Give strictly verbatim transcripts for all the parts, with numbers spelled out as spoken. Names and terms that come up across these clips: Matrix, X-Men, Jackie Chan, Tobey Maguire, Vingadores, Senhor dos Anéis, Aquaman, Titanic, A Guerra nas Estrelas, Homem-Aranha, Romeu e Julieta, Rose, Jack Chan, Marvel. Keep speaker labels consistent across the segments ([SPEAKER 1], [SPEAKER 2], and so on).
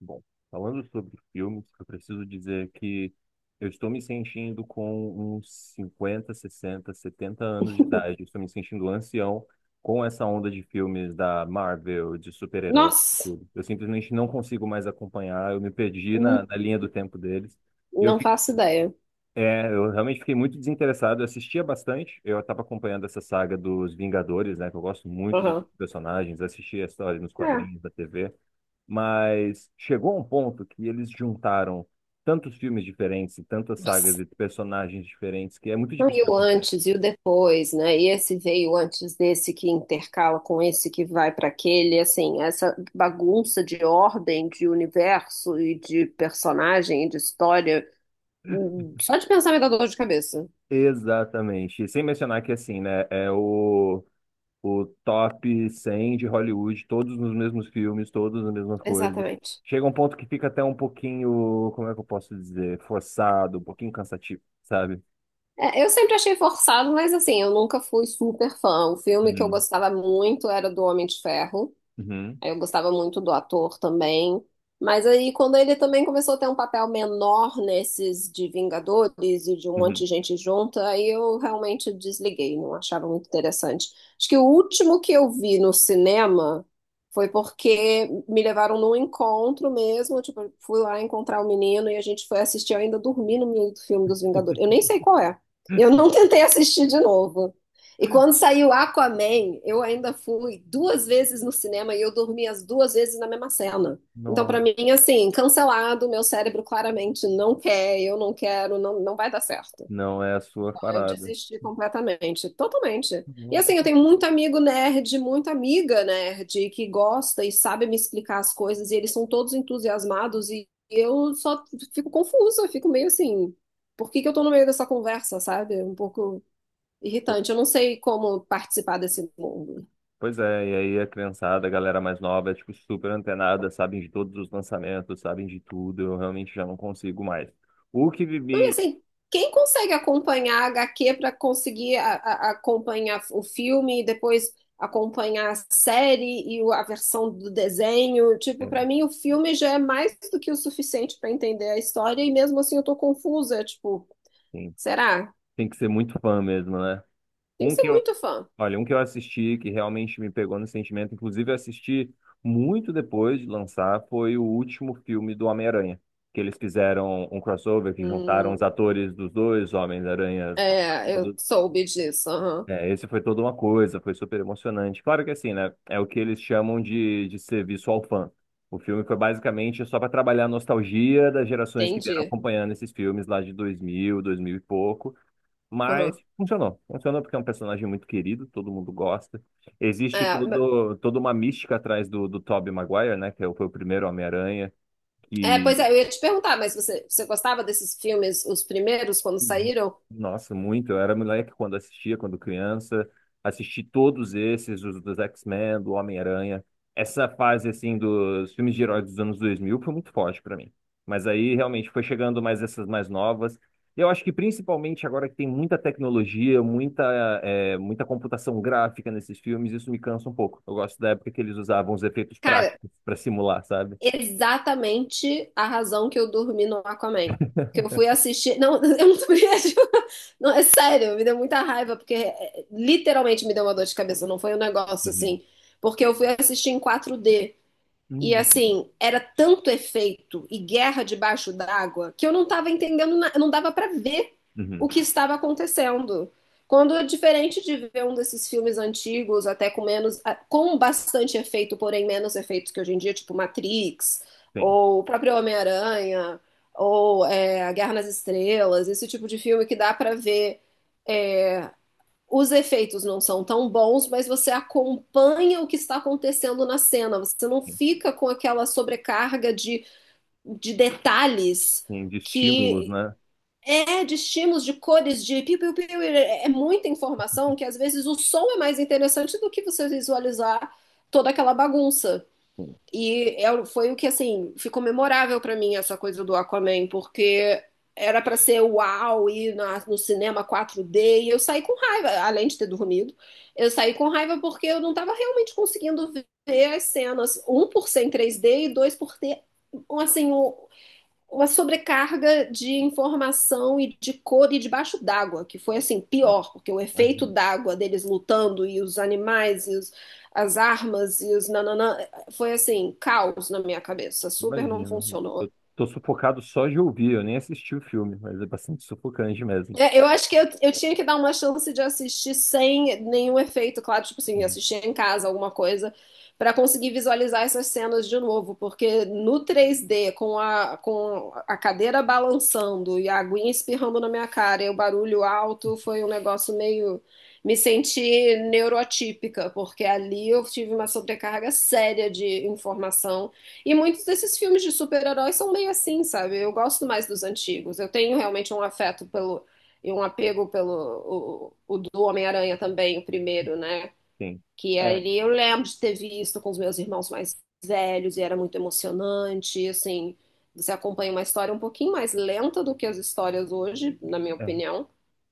[SPEAKER 1] Bom, falando sobre filmes, eu preciso dizer que eu estou me sentindo com uns cinquenta sessenta setenta anos de idade. Eu estou me sentindo ancião com essa onda de filmes da Marvel, de super-heróis e
[SPEAKER 2] Nossa,
[SPEAKER 1] tudo. Eu simplesmente não consigo mais acompanhar. Eu me perdi na,
[SPEAKER 2] hum,
[SPEAKER 1] na linha do tempo deles. E eu,
[SPEAKER 2] não
[SPEAKER 1] fi-
[SPEAKER 2] faço ideia.
[SPEAKER 1] é, eu realmente fiquei muito desinteressado. Eu assistia bastante. Eu estava acompanhando essa saga dos Vingadores, né? Que eu gosto muito de alguns
[SPEAKER 2] Aham.
[SPEAKER 1] personagens. Assistia a história nos
[SPEAKER 2] É.
[SPEAKER 1] quadrinhos da T V. Mas chegou a um ponto que eles juntaram tantos filmes diferentes, e tantas sagas
[SPEAKER 2] Nossa.
[SPEAKER 1] e personagens diferentes, que é muito
[SPEAKER 2] Não,
[SPEAKER 1] difícil
[SPEAKER 2] e
[SPEAKER 1] de
[SPEAKER 2] o
[SPEAKER 1] acompanhar.
[SPEAKER 2] antes e o depois, né? E esse veio antes desse que intercala com esse que vai para aquele, assim, essa bagunça de ordem, de universo e de personagem e de história, hum, só de pensar me dá dor de cabeça.
[SPEAKER 1] Exatamente. E sem mencionar que, assim, né, é o, o top cem de Hollywood, todos nos mesmos filmes, todos nas mesmas coisas.
[SPEAKER 2] Exatamente.
[SPEAKER 1] Chega um ponto que fica até um pouquinho, como é que eu posso dizer, forçado, um pouquinho cansativo, sabe?
[SPEAKER 2] É, eu sempre achei forçado, mas assim, eu nunca fui super fã. O filme que eu
[SPEAKER 1] Uhum,
[SPEAKER 2] gostava muito era do Homem de Ferro.
[SPEAKER 1] uhum,
[SPEAKER 2] Aí eu gostava muito do ator também. Mas aí, quando ele também começou a ter um papel menor nesses de Vingadores e de um monte
[SPEAKER 1] uhum.
[SPEAKER 2] de gente junta, aí eu realmente desliguei, não achava muito interessante. Acho que o último que eu vi no cinema foi porque me levaram num encontro mesmo, tipo, eu fui lá encontrar o menino e a gente foi assistir, eu ainda dormi no meio do filme dos Vingadores. Eu nem sei qual é. Eu não tentei assistir de novo. E quando saiu Aquaman, eu ainda fui duas vezes no cinema e eu dormi as duas vezes na mesma cena. Então,
[SPEAKER 1] Não,
[SPEAKER 2] pra mim, assim, cancelado, meu cérebro claramente não quer, eu não quero, não, não vai dar certo.
[SPEAKER 1] não é a sua
[SPEAKER 2] Eu
[SPEAKER 1] parada.
[SPEAKER 2] desisti completamente, totalmente. E
[SPEAKER 1] Não,
[SPEAKER 2] assim,
[SPEAKER 1] tudo
[SPEAKER 2] eu
[SPEAKER 1] bem.
[SPEAKER 2] tenho muito amigo nerd, muita amiga nerd que gosta e sabe me explicar as coisas, e eles são todos entusiasmados, e eu só fico confusa, fico meio assim, por que que eu tô no meio dessa conversa, sabe? Um pouco irritante. Eu não sei como participar desse mundo.
[SPEAKER 1] Pois é, e aí a criançada, a galera mais nova, é tipo super antenada, sabem de todos os lançamentos, sabem de tudo, eu realmente já não consigo mais. O que
[SPEAKER 2] Não, e
[SPEAKER 1] vivi,
[SPEAKER 2] assim, quem consegue acompanhar a H Q para conseguir a- a- acompanhar o filme e depois acompanhar a série e o- a versão do desenho? Tipo, para mim o filme já é mais do que o suficiente para entender a história e mesmo assim eu tô confusa, tipo,
[SPEAKER 1] assim,
[SPEAKER 2] será?
[SPEAKER 1] tem que ser muito fã mesmo, né?
[SPEAKER 2] Tem
[SPEAKER 1] Um
[SPEAKER 2] que ser
[SPEAKER 1] que eu,
[SPEAKER 2] muito fã.
[SPEAKER 1] olha, um que eu assisti que realmente me pegou no sentimento, inclusive eu assisti muito depois de lançar, foi o último filme do Homem-Aranha, que eles fizeram um crossover que juntaram os
[SPEAKER 2] Hum,
[SPEAKER 1] atores dos dois Homens-Aranhas
[SPEAKER 2] é, eu
[SPEAKER 1] passados.
[SPEAKER 2] soube disso, aham.
[SPEAKER 1] É, esse foi toda uma coisa, foi super emocionante. Claro que assim, né? É o que eles chamam de, de serviço ao fã. O filme foi basicamente só para trabalhar a nostalgia das gerações que vieram
[SPEAKER 2] Entendi.
[SPEAKER 1] acompanhando esses filmes lá de dois mil, dois mil e pouco. Mas
[SPEAKER 2] Aham.
[SPEAKER 1] funcionou. Funcionou porque é um personagem muito querido, todo mundo gosta. Existe
[SPEAKER 2] É,
[SPEAKER 1] todo, toda uma mística atrás do, do Tobey Maguire, né? Que é o- foi o primeiro Homem-Aranha.
[SPEAKER 2] É, pois é,
[SPEAKER 1] Que
[SPEAKER 2] eu ia te perguntar, mas você, você gostava desses filmes, os primeiros, quando
[SPEAKER 1] Uhum.
[SPEAKER 2] saíram?
[SPEAKER 1] Nossa, muito. Eu era moleque quando assistia, quando criança. Assisti todos esses, os dos X-Men, do Homem-Aranha. Essa fase, assim, dos filmes de heróis dos anos dois mil foi muito forte pra mim. Mas aí, realmente, foi chegando mais essas mais novas. E eu acho que, principalmente agora que tem muita tecnologia, muita, é, muita computação gráfica nesses filmes, isso me cansa um pouco. Eu gosto da época que eles usavam os efeitos
[SPEAKER 2] Cara,
[SPEAKER 1] práticos pra simular, sabe?
[SPEAKER 2] exatamente a razão que eu dormi no Aquaman. Que eu fui assistir. Não, eu não tô brincando. Não, é sério, me deu muita raiva, porque é, é, literalmente me deu uma dor de cabeça. Não foi um negócio
[SPEAKER 1] Uhum.
[SPEAKER 2] assim. Porque eu fui assistir em quatro D. E
[SPEAKER 1] Uhum.
[SPEAKER 2] assim, era tanto efeito e guerra debaixo d'água que eu não estava entendendo, na- não dava para ver o
[SPEAKER 1] Uhum.
[SPEAKER 2] que estava acontecendo. Quando, é diferente de ver um desses filmes antigos, até com menos, a- com bastante efeito, porém menos efeitos que hoje em dia, tipo Matrix,
[SPEAKER 1] Tem.
[SPEAKER 2] ou o próprio Homem-Aranha, ou é, A Guerra nas Estrelas, esse tipo de filme que dá para ver é, os efeitos não são tão bons, mas você acompanha o que está acontecendo na cena. Você não fica com aquela sobrecarga de, de detalhes
[SPEAKER 1] Tem de estímulos,
[SPEAKER 2] que
[SPEAKER 1] né?
[SPEAKER 2] é de estímulos, de cores, de piu, piu, piu, é muita informação que às vezes o som é mais interessante do que você visualizar toda aquela bagunça.
[SPEAKER 1] Sim.
[SPEAKER 2] E eu- foi o que, assim, ficou memorável pra mim essa coisa do Aquaman, porque era pra ser uau, ir na- no cinema quatro D, e eu saí com raiva, além de ter dormido. Eu saí com raiva porque eu não tava realmente conseguindo ver as cenas, um por ser em três D e dois por ter, assim, um, uma sobrecarga de informação e de cor e debaixo d'água, que foi assim, pior, porque o efeito
[SPEAKER 1] Imagina,
[SPEAKER 2] d'água deles lutando e os animais e os- as armas e os nananã, foi assim, caos na minha cabeça, super não
[SPEAKER 1] imagina.
[SPEAKER 2] funcionou.
[SPEAKER 1] Eu tô sufocado só de ouvir, eu nem assisti o filme, mas é bastante sufocante mesmo.
[SPEAKER 2] É, eu acho que eu, eu tinha que dar uma chance de assistir sem nenhum efeito, claro, tipo assim,
[SPEAKER 1] Uhum.
[SPEAKER 2] assistir em casa alguma coisa, pra conseguir visualizar essas cenas de novo, porque no três D, com a, com a cadeira balançando e a aguinha espirrando na minha cara e o barulho alto, foi um negócio meio. Me senti neurotípica, porque ali eu tive uma sobrecarga séria de informação. E muitos desses filmes de super-heróis são meio assim, sabe? Eu gosto mais dos antigos. Eu tenho realmente um afeto pelo e um apego pelo o, o do Homem-Aranha também, o primeiro, né?
[SPEAKER 1] Sim.
[SPEAKER 2] Que
[SPEAKER 1] É,
[SPEAKER 2] ali eu lembro de ter visto com os meus irmãos mais velhos e era muito emocionante, assim, você acompanha uma história um pouquinho mais lenta do que as histórias hoje, na minha
[SPEAKER 1] é,
[SPEAKER 2] opinião,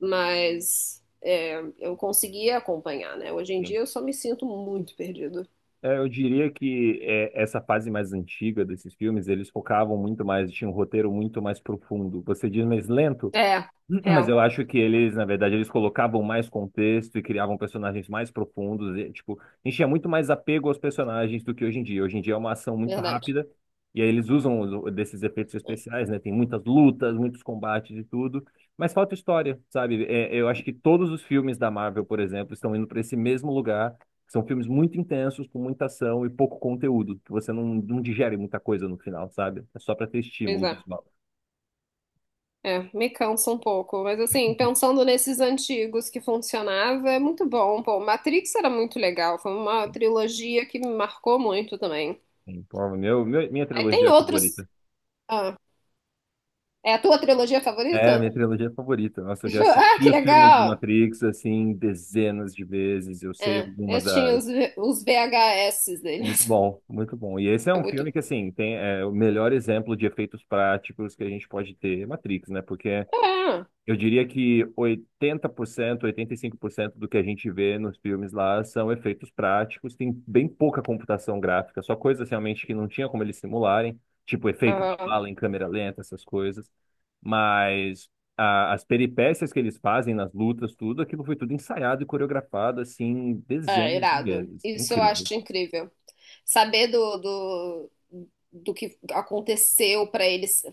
[SPEAKER 2] mas é, eu conseguia acompanhar, né? Hoje em
[SPEAKER 1] sim.
[SPEAKER 2] dia eu só me sinto muito perdido.
[SPEAKER 1] É, eu diria que é, essa fase mais antiga desses filmes, eles focavam muito mais, tinha um roteiro muito mais profundo. Você diz mais lento?
[SPEAKER 2] É,
[SPEAKER 1] Mas
[SPEAKER 2] real,
[SPEAKER 1] eu acho que eles, na verdade, eles colocavam mais contexto e criavam personagens mais profundos. E, tipo, enchia muito mais apego aos personagens do que hoje em dia. Hoje em dia é uma ação muito
[SPEAKER 2] verdade.
[SPEAKER 1] rápida e aí eles usam os- desses efeitos especiais, né? Tem muitas lutas, muitos combates e tudo, mas falta história, sabe? É, eu acho que todos os filmes da Marvel, por exemplo, estão indo para esse mesmo lugar. São filmes muito intensos, com muita ação e pouco conteúdo, que você não, não digere muita coisa no final, sabe? É só para ter
[SPEAKER 2] Pois
[SPEAKER 1] estímulo
[SPEAKER 2] é.
[SPEAKER 1] visual.
[SPEAKER 2] É, me cansa um pouco, mas assim, pensando nesses antigos que funcionava, é muito bom. Pô, Matrix era muito legal, foi uma
[SPEAKER 1] Sim,
[SPEAKER 2] trilogia que me marcou muito também.
[SPEAKER 1] sim. Pô, Meu, meu- minha
[SPEAKER 2] Aí tem
[SPEAKER 1] trilogia
[SPEAKER 2] outros.
[SPEAKER 1] favorita.
[SPEAKER 2] Ah, é a tua trilogia
[SPEAKER 1] É, a
[SPEAKER 2] favorita?
[SPEAKER 1] minha trilogia favorita. Nossa, eu já
[SPEAKER 2] Jo- Ah,
[SPEAKER 1] assisti
[SPEAKER 2] que
[SPEAKER 1] os filmes do
[SPEAKER 2] legal!
[SPEAKER 1] Matrix, assim, dezenas de vezes. Eu sei
[SPEAKER 2] É, eu
[SPEAKER 1] algumas
[SPEAKER 2] tinha
[SPEAKER 1] das.
[SPEAKER 2] os, V- os V H S
[SPEAKER 1] Muito
[SPEAKER 2] deles.
[SPEAKER 1] bom, muito bom. E esse é
[SPEAKER 2] É
[SPEAKER 1] um
[SPEAKER 2] muito.
[SPEAKER 1] filme que, assim, tem é, o melhor exemplo de efeitos práticos que a gente pode ter, é Matrix, né? Porque
[SPEAKER 2] É,
[SPEAKER 1] eu diria que oitenta oitenta por cento, oitenta e cinco por cento do que a gente vê nos filmes lá são efeitos práticos, tem bem pouca computação gráfica, só coisas realmente que não tinha como eles simularem, tipo efeito da
[SPEAKER 2] ah,
[SPEAKER 1] bala em câmera lenta, essas coisas. Mas a- as peripécias que eles fazem nas lutas, tudo, aquilo foi tudo ensaiado e coreografado, assim,
[SPEAKER 2] é
[SPEAKER 1] dezenas de
[SPEAKER 2] irado.
[SPEAKER 1] vezes. É
[SPEAKER 2] Isso eu
[SPEAKER 1] incrível.
[SPEAKER 2] acho incrível. Saber do, do, do que aconteceu para eles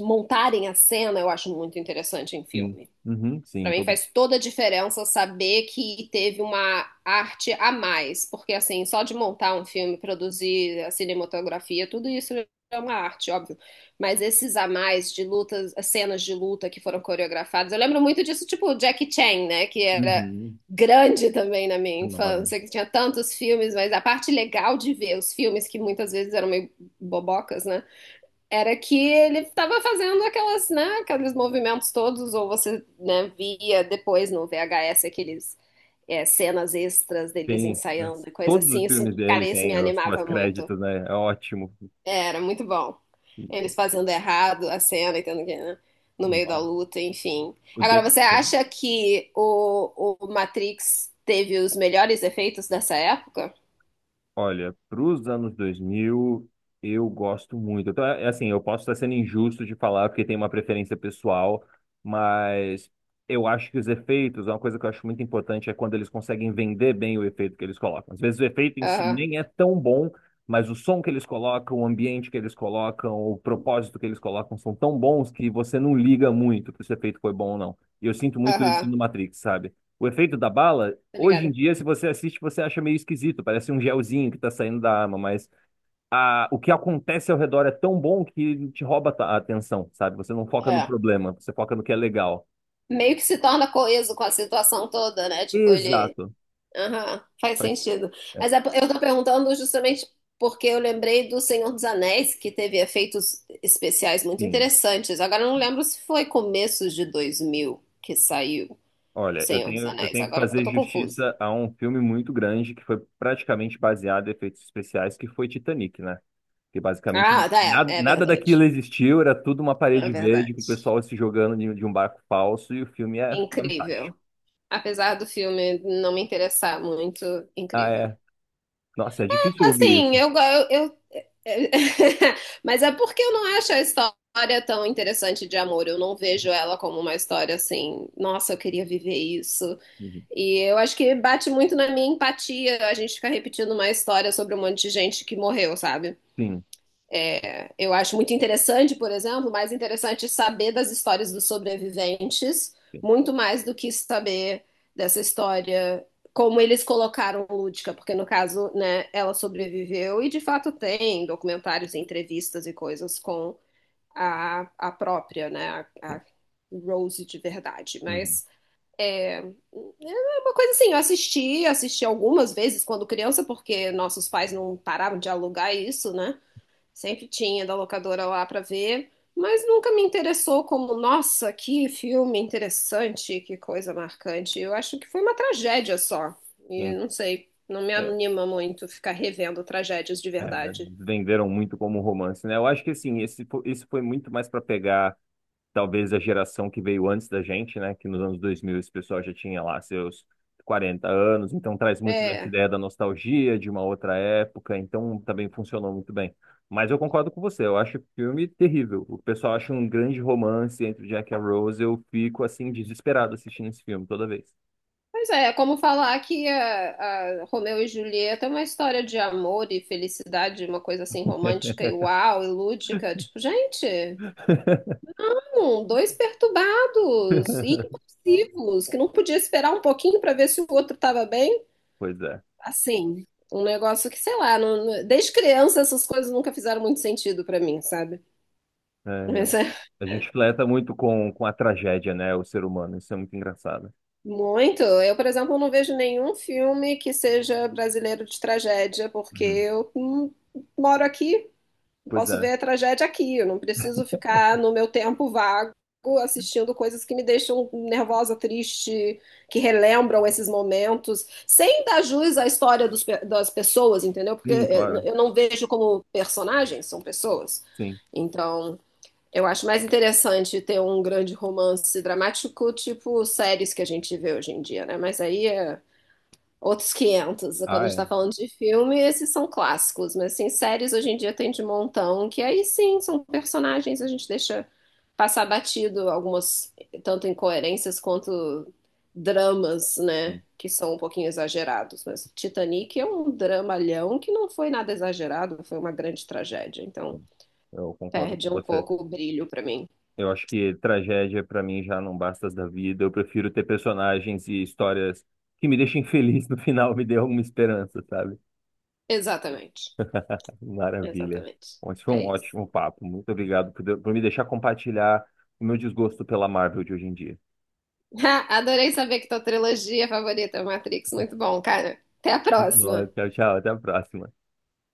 [SPEAKER 2] montarem a cena, eu acho muito interessante em
[SPEAKER 1] Sim.
[SPEAKER 2] filme.
[SPEAKER 1] Uhum,
[SPEAKER 2] Para
[SPEAKER 1] sim,
[SPEAKER 2] mim
[SPEAKER 1] todo.
[SPEAKER 2] faz toda a diferença saber que teve uma arte a mais, porque assim, só de montar um filme, produzir a cinematografia, tudo isso é uma arte, óbvio. Mas esses a mais de lutas, as cenas de luta que foram coreografadas, eu lembro muito disso, tipo Jackie Chan, né, que era
[SPEAKER 1] Uhum,
[SPEAKER 2] grande também na minha
[SPEAKER 1] enorme.
[SPEAKER 2] infância, que tinha tantos filmes, mas a parte legal de ver os filmes que muitas vezes eram meio bobocas, né? Era que ele estava fazendo aquelas, né, aqueles movimentos todos, ou você, né, via depois no V H S aqueles é, cenas extras deles
[SPEAKER 1] Tem, né?
[SPEAKER 2] ensaiando e coisa
[SPEAKER 1] Todos os
[SPEAKER 2] assim. Isso,
[SPEAKER 1] filmes
[SPEAKER 2] cara,
[SPEAKER 1] dele
[SPEAKER 2] isso me
[SPEAKER 1] têm os
[SPEAKER 2] animava muito.
[SPEAKER 1] pós-créditos, né? É ótimo.
[SPEAKER 2] É, era muito bom. Eles fazendo errado a cena e tendo que, né, no meio da
[SPEAKER 1] Nossa.
[SPEAKER 2] luta, enfim.
[SPEAKER 1] O
[SPEAKER 2] Agora,
[SPEAKER 1] Jack
[SPEAKER 2] você
[SPEAKER 1] Chan,
[SPEAKER 2] acha que o, o Matrix teve os melhores efeitos dessa época?
[SPEAKER 1] olha, para os anos dois mil, eu gosto muito. Então, é é assim, eu posso estar sendo injusto de falar porque tem uma preferência pessoal, mas eu acho que os efeitos, uma coisa que eu acho muito importante é quando eles conseguem vender bem o efeito que eles colocam. Às vezes o efeito em si
[SPEAKER 2] Aham,
[SPEAKER 1] nem é tão bom, mas o som que eles colocam, o ambiente que eles colocam, o propósito que eles colocam são tão bons que você não liga muito se o efeito foi bom ou não. E eu sinto muito isso
[SPEAKER 2] aham,
[SPEAKER 1] no Matrix, sabe? O efeito da bala.
[SPEAKER 2] tá
[SPEAKER 1] Hoje em
[SPEAKER 2] ligado?
[SPEAKER 1] dia, se você assiste, você acha meio esquisito, parece um gelzinho que tá saindo da arma, mas a, o que acontece ao redor é tão bom que te rouba a atenção, sabe? Você não foca no
[SPEAKER 2] É
[SPEAKER 1] problema, você foca no que é legal.
[SPEAKER 2] meio que se torna coeso com a situação toda, né? Tipo, ele.
[SPEAKER 1] Exato.
[SPEAKER 2] Aham, faz
[SPEAKER 1] Faz,
[SPEAKER 2] sentido.
[SPEAKER 1] é,
[SPEAKER 2] Mas é po- eu tô perguntando justamente porque eu lembrei do Senhor dos Anéis, que teve efeitos especiais muito
[SPEAKER 1] sim,
[SPEAKER 2] interessantes. Agora eu não
[SPEAKER 1] sim.
[SPEAKER 2] lembro se foi começos de dois mil que saiu o
[SPEAKER 1] Olha, eu
[SPEAKER 2] Senhor dos
[SPEAKER 1] tenho, eu
[SPEAKER 2] Anéis.
[SPEAKER 1] tenho que
[SPEAKER 2] Agora eu
[SPEAKER 1] fazer
[SPEAKER 2] tô confusa.
[SPEAKER 1] justiça a um filme muito grande que foi praticamente baseado em efeitos especiais, que foi Titanic, né? Que basicamente
[SPEAKER 2] Ah, tá,
[SPEAKER 1] nada,
[SPEAKER 2] é, é
[SPEAKER 1] nada daquilo
[SPEAKER 2] verdade.
[SPEAKER 1] existiu, era tudo uma
[SPEAKER 2] É
[SPEAKER 1] parede verde com o
[SPEAKER 2] verdade.
[SPEAKER 1] pessoal se jogando de de um barco falso e o filme é fantástico.
[SPEAKER 2] Incrível. Apesar do filme não me interessar muito,
[SPEAKER 1] Ah,
[SPEAKER 2] incrível.
[SPEAKER 1] é. Nossa, é difícil ouvir
[SPEAKER 2] Assim,
[SPEAKER 1] isso.
[SPEAKER 2] eu, go- eu, eu Mas é porque eu não acho a história tão interessante de amor. Eu não vejo ela como uma história assim, nossa, eu queria viver isso.
[SPEAKER 1] Uhum.
[SPEAKER 2] E eu acho que bate muito na minha empatia a gente ficar repetindo uma história sobre um monte de gente que morreu, sabe?
[SPEAKER 1] Sim,
[SPEAKER 2] Eu acho muito interessante, por exemplo, mais interessante saber das histórias dos sobreviventes,
[SPEAKER 1] sim,
[SPEAKER 2] muito mais do que saber dessa história, como eles colocaram Lúdica, porque no caso, né, ela sobreviveu e de fato tem documentários, entrevistas e coisas com a, a própria, né, a,
[SPEAKER 1] sim.
[SPEAKER 2] a Rose de verdade,
[SPEAKER 1] Uhum,
[SPEAKER 2] mas é uma coisa assim, eu assisti, assisti algumas vezes quando criança, porque nossos pais não paravam de alugar isso, né? Sempre tinha da locadora lá para ver, mas nunca me interessou como, nossa, que filme interessante, que coisa marcante. Eu acho que foi uma tragédia só. E
[SPEAKER 1] sim.
[SPEAKER 2] não sei, não me
[SPEAKER 1] É,
[SPEAKER 2] anima muito ficar revendo tragédias de
[SPEAKER 1] é,
[SPEAKER 2] verdade.
[SPEAKER 1] venderam muito como romance, né? Eu acho que assim, esse, fo- isso foi muito mais para pegar, talvez, a geração que veio antes da gente, né? Que nos anos dois mil esse pessoal já tinha lá seus quarenta anos, então traz muito dessa
[SPEAKER 2] É,
[SPEAKER 1] ideia da nostalgia de uma outra época, então também funcionou muito bem. Mas eu concordo com você, eu acho o filme terrível. O pessoal acha um grande romance entre o Jack e a Rose, eu fico assim desesperado assistindo esse filme toda vez.
[SPEAKER 2] pois é, é como falar que a, a Romeu e Julieta é uma história de amor e felicidade, uma coisa assim romântica e uau, e lúdica. Tipo, gente. Um, dois perturbados e impulsivos, que não podia esperar um pouquinho para ver se o outro estava bem.
[SPEAKER 1] Pois é.
[SPEAKER 2] Assim, um negócio que, sei lá, não- não- desde criança essas coisas nunca fizeram muito sentido para mim, sabe?
[SPEAKER 1] É, eu-
[SPEAKER 2] Mas é
[SPEAKER 1] a gente fleta muito com, com a tragédia, né? O ser humano. Isso é muito engraçado.
[SPEAKER 2] muito. Eu, por exemplo, não vejo nenhum filme que seja brasileiro de tragédia, porque
[SPEAKER 1] Uhum.
[SPEAKER 2] eu hum, moro aqui. Eu
[SPEAKER 1] Pois
[SPEAKER 2] posso
[SPEAKER 1] é.
[SPEAKER 2] ver a tragédia aqui, eu não preciso ficar no meu tempo vago assistindo coisas que me deixam nervosa, triste, que relembram esses momentos, sem dar jus à história dos pe- das pessoas, entendeu? Porque
[SPEAKER 1] Sim,
[SPEAKER 2] eh,
[SPEAKER 1] claro.
[SPEAKER 2] eu não vejo como personagens, são pessoas.
[SPEAKER 1] Sim.
[SPEAKER 2] Então, eu acho mais interessante ter um grande romance dramático, tipo séries que a gente vê hoje em dia, né? Mas aí é outros quinhentos. Quando a
[SPEAKER 1] Ah,
[SPEAKER 2] gente tá
[SPEAKER 1] é.
[SPEAKER 2] falando de filme, esses são clássicos. Mas, assim, séries hoje em dia tem de montão, que aí sim, são personagens, a gente deixa passar batido algumas, tanto incoerências quanto dramas, né?
[SPEAKER 1] Sim,
[SPEAKER 2] Que são um pouquinho exagerados. Mas Titanic é um dramalhão que não foi nada exagerado, foi uma grande tragédia. Então,
[SPEAKER 1] sim. Eu concordo
[SPEAKER 2] perde
[SPEAKER 1] com
[SPEAKER 2] um
[SPEAKER 1] você.
[SPEAKER 2] pouco o brilho pra mim.
[SPEAKER 1] Eu acho que tragédia, pra mim, já não basta da vida. Eu prefiro ter personagens e histórias que me deixem feliz no final, me dê alguma esperança, sabe?
[SPEAKER 2] Exatamente.
[SPEAKER 1] Maravilha.
[SPEAKER 2] Exatamente.
[SPEAKER 1] Bom, esse foi
[SPEAKER 2] É
[SPEAKER 1] um
[SPEAKER 2] isso.
[SPEAKER 1] ótimo papo. Muito obrigado por, de- por me deixar compartilhar o meu desgosto pela Marvel de hoje em dia.
[SPEAKER 2] Adorei saber que tua trilogia favorita é o Matrix. Muito bom, cara. Até a
[SPEAKER 1] Muito bom.
[SPEAKER 2] próxima.
[SPEAKER 1] Tchau, tchau. Até a próxima.